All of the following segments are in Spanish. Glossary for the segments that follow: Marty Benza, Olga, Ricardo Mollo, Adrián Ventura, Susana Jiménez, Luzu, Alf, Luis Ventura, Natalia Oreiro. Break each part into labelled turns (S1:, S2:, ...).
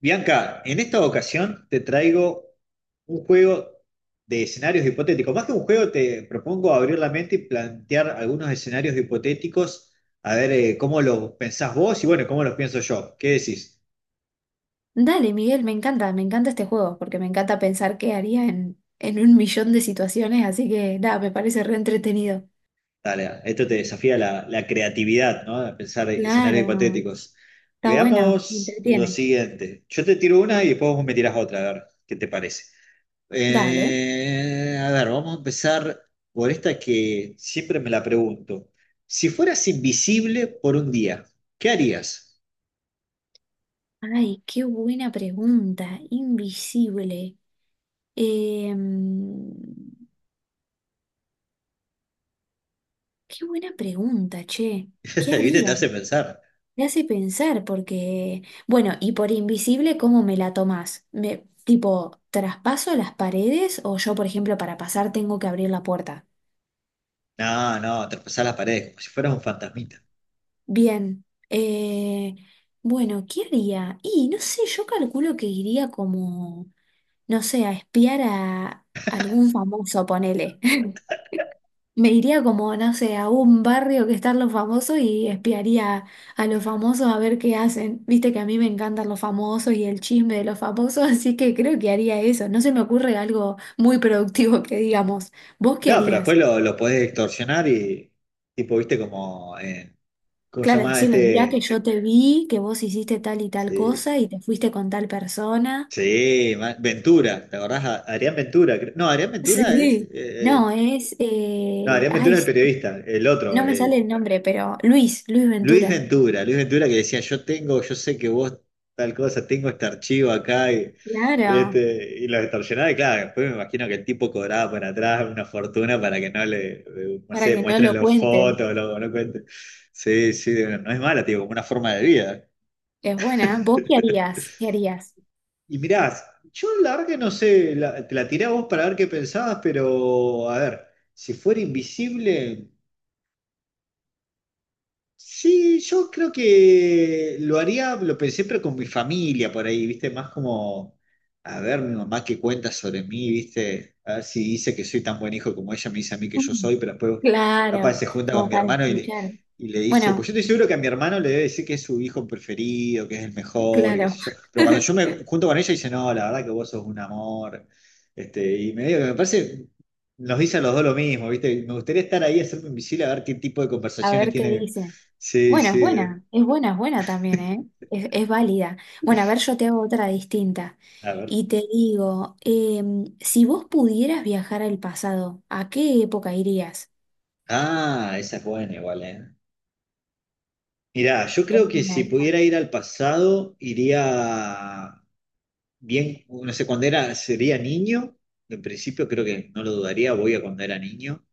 S1: Bianca, en esta ocasión te traigo un juego de escenarios hipotéticos. Más que un juego, te propongo abrir la mente y plantear algunos escenarios hipotéticos, a ver, cómo los pensás vos y bueno, cómo los pienso yo. ¿Qué decís?
S2: Dale, Miguel, me encanta este juego, porque me encanta pensar qué haría en un millón de situaciones, así que nada, me parece re entretenido.
S1: Dale, esto te desafía la creatividad, ¿no? A pensar escenarios
S2: Claro,
S1: hipotéticos.
S2: está bueno, me
S1: Veamos lo
S2: entretiene.
S1: siguiente. Yo te tiro una y después vos me tirás otra, a ver qué te parece.
S2: Dale.
S1: A ver, vamos a empezar por esta que siempre me la pregunto. Si fueras invisible por un día, ¿qué harías?
S2: Ay, qué buena pregunta, invisible. Em, Qué buena pregunta, che. ¿Qué
S1: ¿Viste? Te
S2: haría?
S1: hace pensar.
S2: Me hace pensar, porque, bueno, y por invisible, ¿cómo me la tomás? Me, tipo, ¿traspaso las paredes o yo, por ejemplo, para pasar tengo que abrir la puerta?
S1: No, no, traspasar las paredes como si fueras un fantasmita.
S2: Bien, eh, bueno, ¿qué haría? Y no sé, yo calculo que iría como, no sé, a espiar a algún famoso, ponele. Me iría como, no sé, a un barrio que están los famosos y espiaría a los famosos a ver qué hacen. Viste que a mí me encantan los famosos y el chisme de los famosos, así que creo que haría eso. No se me ocurre algo muy productivo que digamos. ¿Vos qué
S1: No, pero después
S2: harías?
S1: lo podés distorsionar y, tipo, viste como, ¿cómo se
S2: Claro,
S1: llama
S2: decirle, mirá que
S1: este?
S2: yo te vi, que vos hiciste tal y tal
S1: Sí,
S2: cosa y te fuiste con tal persona.
S1: sí, Ventura, ¿te acordás? Adrián Ventura, no, Adrián Ventura es,
S2: Sí. No, es,
S1: no, Adrián
S2: ay,
S1: Ventura es el periodista, el otro,
S2: no me sale el nombre, pero Luis
S1: Luis
S2: Ventura.
S1: Ventura, Luis Ventura que decía, yo tengo, yo sé que vos tal cosa, tengo este archivo acá, y,
S2: Claro,
S1: este, y lo extorsionaba, y claro, después me imagino que el tipo cobraba por atrás una fortuna para que no le, no
S2: para
S1: sé,
S2: que no
S1: muestren
S2: lo
S1: las
S2: cuente.
S1: fotos, no cuenten. Sí, sí, no es mala, tío, como una forma de vida.
S2: Es buena, ¿eh? ¿Vos qué harías? ¿Qué harías?
S1: Y mirás, yo la verdad que no sé, te la tiré a vos para ver qué pensabas, pero a ver, si fuera invisible. Sí, yo creo que lo haría, lo pensé, pero con mi familia por ahí, ¿viste? Más como, a ver, mi mamá qué cuenta sobre mí, ¿viste? A ver si dice que soy tan buen hijo como ella me dice a mí que yo
S2: Mm,
S1: soy, pero después capaz
S2: claro,
S1: se junta con
S2: como
S1: mi
S2: para
S1: hermano y le,
S2: escuchar.
S1: y le dice, pues
S2: Bueno,
S1: yo estoy seguro que a mi hermano le debe decir que es su hijo preferido, que es el mejor, y qué
S2: claro,
S1: sé yo. Pero cuando yo me junto con ella dice, no, la verdad que vos sos un amor, y me digo que me parece. Nos dicen los dos lo mismo, ¿viste? Me gustaría estar ahí, hacerme invisible, a ver qué tipo de
S2: a
S1: conversaciones
S2: ver qué
S1: tiene.
S2: dice.
S1: Sí,
S2: Bueno, es
S1: sí.
S2: buena, es buena, es buena también, ¿eh? Es válida. Bueno, a ver, yo te hago otra distinta.
S1: A ver.
S2: Y te digo, si vos pudieras viajar al pasado, ¿a qué época irías?
S1: Ah, esa es buena igual, ¿eh? Mirá, yo
S2: Es
S1: creo que
S2: buena
S1: si
S2: esta.
S1: pudiera ir al pasado, iría bien, no sé, sería niño, en principio creo que no lo dudaría, voy a cuando era niño,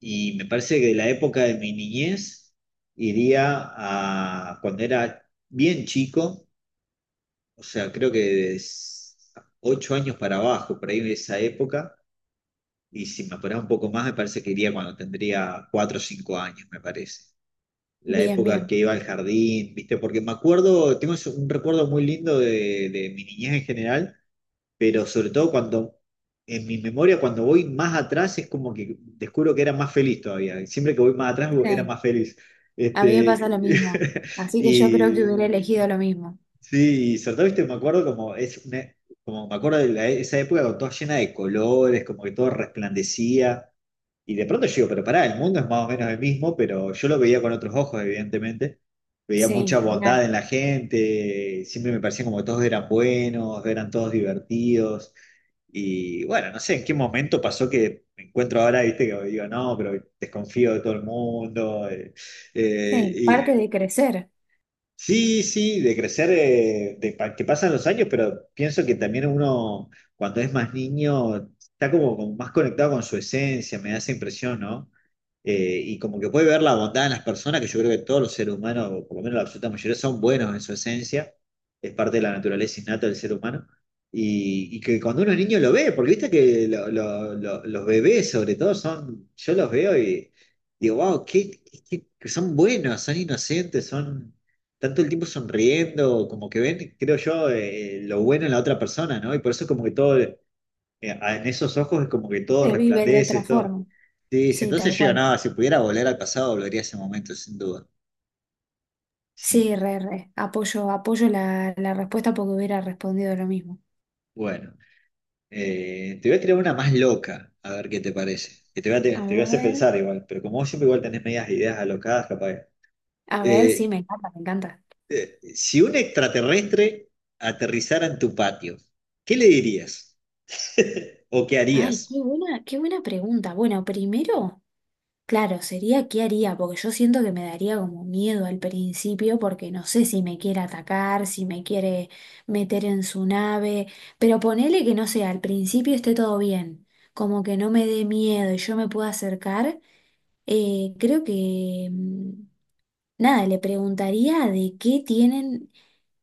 S1: y me parece que de la época de mi niñez iría a cuando era bien chico, o sea, creo que 8 años para abajo, por ahí de esa época, y si me apurás un poco más, me parece que iría cuando tendría 4 o 5 años, me parece. La
S2: Bien,
S1: época que
S2: bien.
S1: iba al jardín, ¿viste? Porque me acuerdo, tengo un recuerdo muy lindo de mi niñez en general, pero sobre todo cuando, en mi memoria, cuando voy más atrás es como que descubro que era más feliz todavía. Siempre que voy más atrás era
S2: Sí,
S1: más feliz.
S2: a mí me pasa lo
S1: Este,
S2: mismo. Así que yo creo que hubiera
S1: y
S2: elegido lo mismo.
S1: sí, y sobre todo, ¿viste? Me acuerdo como es como me acuerdo de esa época con toda llena de colores, como que todo resplandecía. Y de pronto yo digo, pero pará, el mundo es más o menos el mismo, pero yo lo veía con otros ojos, evidentemente. Veía
S2: Sí,
S1: mucha
S2: ni
S1: bondad
S2: hablar.
S1: en la gente, siempre me parecía como que todos eran buenos, eran todos divertidos. Y bueno, no sé en qué momento pasó que me encuentro ahora, viste, que digo, no, pero desconfío de todo el mundo.
S2: Sí, parte
S1: Y
S2: de crecer,
S1: sí, sí, de crecer, que pasan los años, pero pienso que también uno, cuando es más niño, está como más conectado con su esencia, me da esa impresión, ¿no? Y como que puede ver la bondad en las personas, que yo creo que todos los seres humanos, o por lo menos la absoluta mayoría, son buenos en su esencia, es parte de la naturaleza innata del ser humano, y que cuando uno es niño lo ve, porque viste que los bebés sobre todo son, yo los veo y digo, wow, que son buenos, son inocentes, son tanto el tiempo sonriendo, como que ven, creo yo, lo bueno en la otra persona, ¿no? Y por eso como que todo, en esos ojos es como que todo
S2: se vive de
S1: resplandece,
S2: otra
S1: todo.
S2: forma.
S1: Sí, si
S2: Sí,
S1: entonces
S2: tal
S1: yo
S2: cual.
S1: no, si pudiera volver al pasado, volvería a ese momento, sin duda. Sí.
S2: Sí, re, re. Apoyo, apoyo la respuesta porque hubiera respondido lo mismo.
S1: Bueno, te voy a tirar una más loca, a ver qué te parece. Que te voy a, te,
S2: A
S1: te voy a hacer
S2: ver.
S1: pensar igual, pero como vos siempre igual tenés medias ideas alocadas, capaz.
S2: A ver, sí,
S1: Eh,
S2: me encanta, me encanta.
S1: si un extraterrestre aterrizara en tu patio, ¿qué le dirías? ¿O qué
S2: Ay,
S1: harías?
S2: qué buena pregunta. Bueno, primero, claro, sería qué haría, porque yo siento que me daría como miedo al principio, porque no sé si me quiere atacar, si me quiere meter en su nave, pero ponele que no sé, al principio esté todo bien, como que no me dé miedo y yo me pueda acercar, creo que, mm, nada, le preguntaría de qué tienen.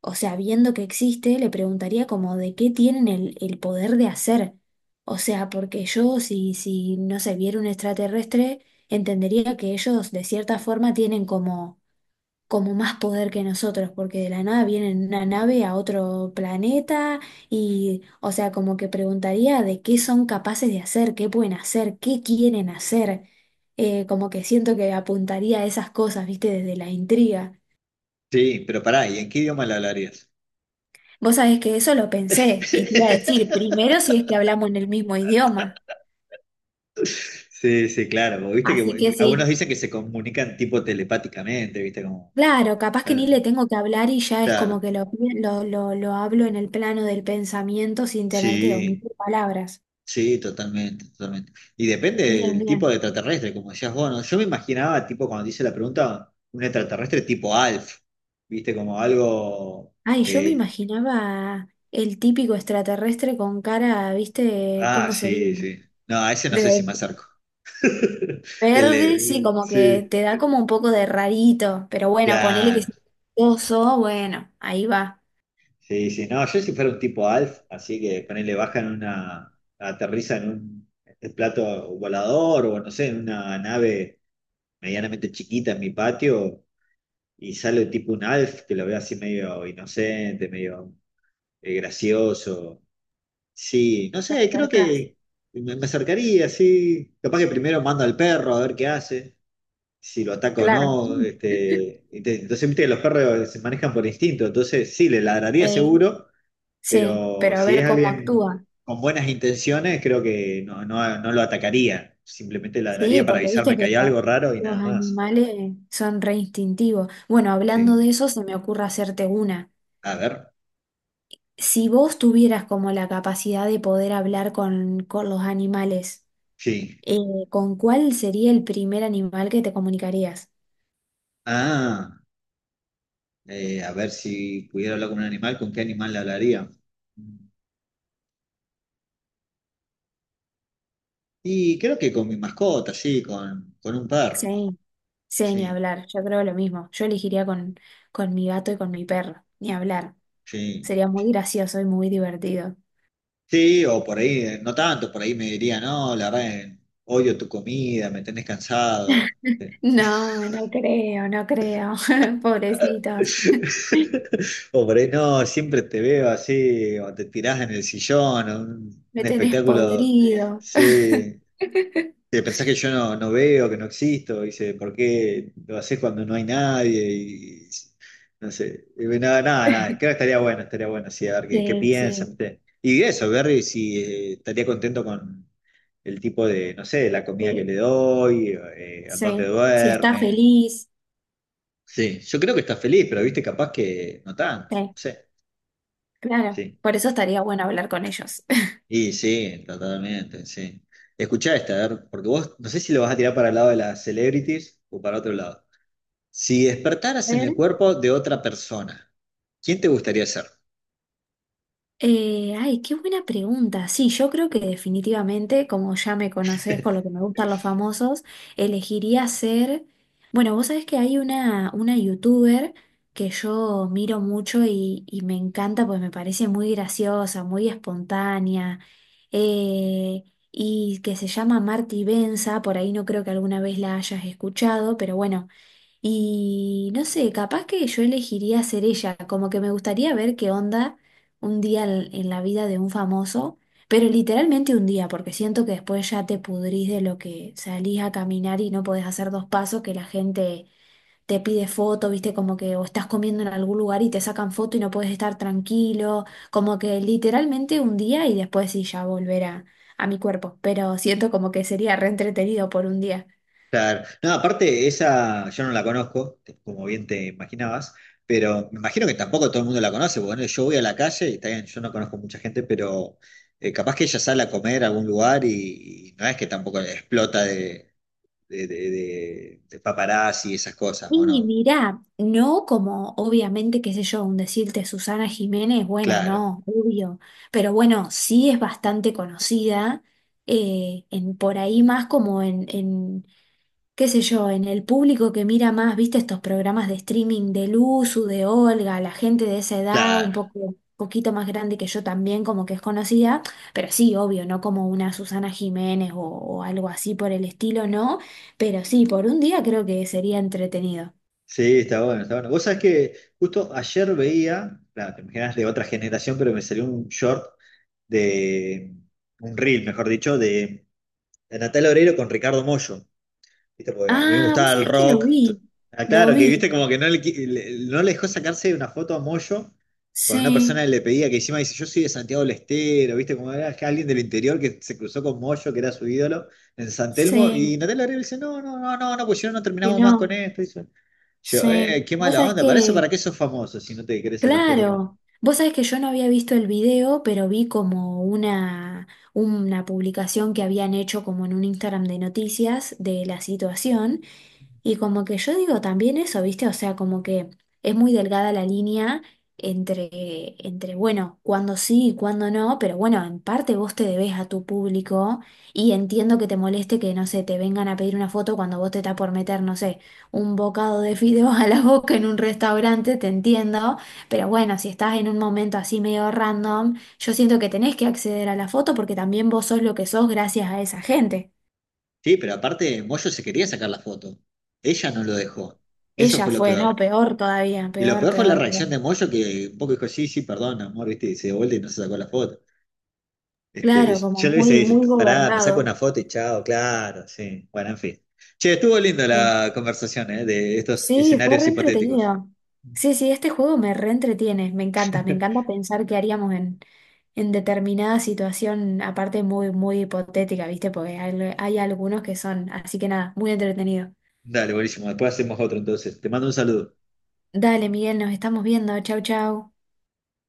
S2: O sea, viendo que existe, le preguntaría como de qué tienen el poder de hacer. O sea, porque yo si no se viera un extraterrestre, entendería que ellos de cierta forma tienen como, como más poder que nosotros, porque de la nada vienen en una nave a otro planeta y, o sea, como que preguntaría de qué son capaces de hacer, qué pueden hacer, qué quieren hacer. Como que siento que apuntaría a esas cosas, viste, desde la intriga.
S1: Sí, pero pará, ¿y en qué idioma le hablarías?
S2: Vos sabés que eso lo pensé y te iba a decir primero si es que hablamos en el mismo idioma.
S1: Sí, sí, claro. Viste que
S2: Así que
S1: algunos
S2: sí,
S1: dicen que se comunican tipo telepáticamente, viste como.
S2: claro, capaz que
S1: eh.
S2: ni le tengo que hablar y ya es como
S1: Claro,
S2: que lo, pi- lo hablo en el plano del pensamiento sin tener que
S1: sí,
S2: omitir palabras.
S1: sí, totalmente, totalmente. Y depende
S2: Bien,
S1: del tipo de
S2: bien.
S1: extraterrestre, como decías vos, ¿no? Yo me imaginaba, tipo, cuando te hice la pregunta, un extraterrestre tipo Alf, ¿viste? Como algo.
S2: Ay, yo me
S1: eh,
S2: imaginaba el típico extraterrestre con cara, ¿viste?
S1: ah,
S2: ¿Cómo sería?
S1: sí, sí. No, a ese no sé si me
S2: De
S1: acerco. El
S2: verde, sí,
S1: de-
S2: como que
S1: sí,
S2: te da como un poco de rarito, pero bueno, ponele que
S1: claro.
S2: es oso, bueno, ahí va,
S1: Sí, sí. No, yo si fuera un tipo Alf, así que ponele, aterriza en plato volador o no sé, en una nave medianamente chiquita en mi patio. Y sale tipo un Alf que lo veo así medio inocente, medio gracioso. Sí, no
S2: te
S1: sé, creo
S2: acercás.
S1: que me acercaría, sí. Capaz que primero mando al perro a ver qué hace, si lo ataco o
S2: Claro.
S1: no. Entonces, viste que los perros se manejan por instinto, entonces sí, le ladraría
S2: Sí,
S1: seguro,
S2: sí,
S1: pero
S2: pero a
S1: si
S2: ver
S1: es
S2: cómo
S1: alguien
S2: actúa.
S1: con buenas intenciones, creo que no, no, no lo atacaría. Simplemente
S2: Sí,
S1: ladraría para
S2: porque viste
S1: avisarme que
S2: que
S1: hay algo raro y
S2: los
S1: nada más.
S2: animales son re instintivos. Bueno, hablando
S1: Sí.
S2: de eso, se me ocurre hacerte una.
S1: A ver.
S2: Si vos tuvieras como la capacidad de poder hablar con los animales,
S1: Sí.
S2: eh, ¿con cuál sería el primer animal que te comunicarías?
S1: Ah. A ver si pudiera hablar con un animal, ¿con qué animal le hablaría? Y creo que con mi mascota, sí, con un perro,
S2: Sí, sí, ni
S1: sí,
S2: hablar. Yo creo lo mismo. Yo elegiría con mi gato y con mi perro. Ni hablar.
S1: sí.
S2: Sería muy gracioso y muy divertido.
S1: Sí, o por ahí, no tanto, por ahí me diría, no, la verdad, odio tu comida, me tenés cansado.
S2: No, no creo, no creo. Pobrecitos.
S1: O por ahí, no, siempre te veo así, o te tirás en el sillón, o un,
S2: Me
S1: un
S2: tenés
S1: espectáculo,
S2: podrido.
S1: sí, te pensás que yo no veo, que no existo, dice, ¿por qué lo haces cuando no hay nadie? Y, no sé, y nada, nada, nada, creo que estaría bueno, sí, a ver qué
S2: Sí, sí,
S1: piensan, ¿viste? Y eso, Berry, si estaría contento con el tipo de, no sé, la comida que
S2: de-
S1: le doy, a dónde
S2: sí. Si está
S1: duerme.
S2: feliz,
S1: Sí, yo creo que está feliz, pero viste, capaz que no tanto,
S2: sí,
S1: no sé,
S2: claro.
S1: sí.
S2: Por eso estaría bueno hablar con ellos.
S1: Y sí, totalmente, sí. Escuchá esta, a ver, porque vos no sé si lo vas a tirar para el lado de las celebrities o para otro lado. Si
S2: A
S1: despertaras en
S2: ver.
S1: el cuerpo de otra persona, ¿quién te gustaría ser?
S2: Ay, qué buena pregunta. Sí, yo creo que definitivamente, como ya me conoces con lo que me gustan los famosos, elegiría ser... Bueno, vos sabés que hay una youtuber que yo miro mucho y me encanta, pues me parece muy graciosa, muy espontánea, eh, y que se llama Marty Benza, por ahí no creo que alguna vez la hayas escuchado, pero bueno. Y no sé, capaz que yo elegiría ser ella, como que me gustaría ver qué onda un día en la vida de un famoso, pero literalmente un día, porque siento que después ya te pudrís de lo que salís a caminar y no podés hacer dos pasos, que la gente te pide foto, viste, como que o estás comiendo en algún lugar y te sacan foto y no puedes estar tranquilo, como que literalmente un día y después sí ya volver a mi cuerpo, pero siento como que sería re entretenido por un día.
S1: Claro. No, aparte, esa yo no la conozco, como bien te imaginabas, pero me imagino que tampoco todo el mundo la conoce. Bueno, yo voy a la calle y está bien, yo no conozco mucha gente, pero capaz que ella sale a comer a algún lugar y, no es que tampoco explota de paparazzi y esas cosas, ¿o
S2: Y
S1: no?
S2: mirá, no como obviamente, qué sé yo, un decirte Susana Jiménez, bueno,
S1: Claro,
S2: no, obvio, pero bueno, sí es bastante conocida, en, por ahí más como en, qué sé yo, en el público que mira más, viste, estos programas de streaming de Luzu, de Olga, la gente de esa edad, un
S1: claro.
S2: poco, poquito más grande que yo también, como que es conocida, pero sí, obvio, no como una Susana Jiménez o algo así por el estilo, no, pero sí, por un día creo que sería entretenido.
S1: Sí, está bueno, está bueno. Vos sabés que justo ayer veía, claro, te imaginas de otra generación, pero me salió un short de, un reel, mejor dicho, de Natalia Oreiro con Ricardo Mollo. ¿Viste? Porque a mí me
S2: Ah, vos
S1: gustaba el
S2: sabés que lo
S1: rock. ento-
S2: vi,
S1: ah,
S2: lo
S1: claro, que viste
S2: vi.
S1: como que no le dejó sacarse una foto a Mollo con una persona
S2: Sí,
S1: que le pedía, que encima dice, yo soy de Santiago del Estero, ¿viste? Como era alguien del interior que se cruzó con Mollo, que era su ídolo, en San Telmo,
S2: sí,
S1: y Natalia Oreiro dice, no, no, no, no, no, pues si no, no
S2: que
S1: terminamos más con
S2: no,
S1: esto. Yo,
S2: sí.
S1: qué
S2: Vos
S1: mala
S2: sabés
S1: onda, para eso,
S2: que,
S1: ¿para qué sos famoso si no te querés sacar foto con...?
S2: claro, vos sabés que yo no había visto el video, pero vi como una publicación que habían hecho como en un Instagram de noticias de la situación. Y como que yo digo también eso, ¿viste? O sea, como que es muy delgada la línea entre, entre bueno, cuándo sí y cuándo no, pero bueno, en parte vos te debes a tu público y entiendo que te moleste que, no sé, te vengan a pedir una foto cuando vos te estás por meter, no sé, un bocado de fideos a la boca en un restaurante, te entiendo, pero bueno, si estás en un momento así medio random, yo siento que tenés que acceder a la foto porque también vos sos lo que sos gracias a esa gente.
S1: Sí, pero aparte, Moyo se quería sacar la foto. Ella no lo dejó. Eso
S2: Ella
S1: fue lo
S2: fue, ¿no?
S1: peor.
S2: Peor todavía,
S1: Y lo
S2: peor,
S1: peor fue la
S2: peor, peor.
S1: reacción de Moyo que un poco dijo, sí, sí, perdón, amor, viste, y se dio vuelta y no se sacó la foto. Este,
S2: Claro, como
S1: yo le hubiese
S2: muy, muy
S1: dicho, pará, me saco una
S2: gobernado.
S1: foto y chao, claro, sí. Bueno, en fin. Che, estuvo linda
S2: Sí,
S1: la conversación, de estos
S2: sí, fue
S1: escenarios
S2: re
S1: hipotéticos.
S2: entretenido. Sí, sí, este juego me reentretiene, me encanta pensar qué haríamos en determinada situación, aparte muy, muy hipotética, ¿viste? Porque hay algunos que son, así que nada, muy entretenido.
S1: Dale, buenísimo, después hacemos otro entonces. Te mando un saludo.
S2: Dale, Miguel, nos estamos viendo, chau, chau.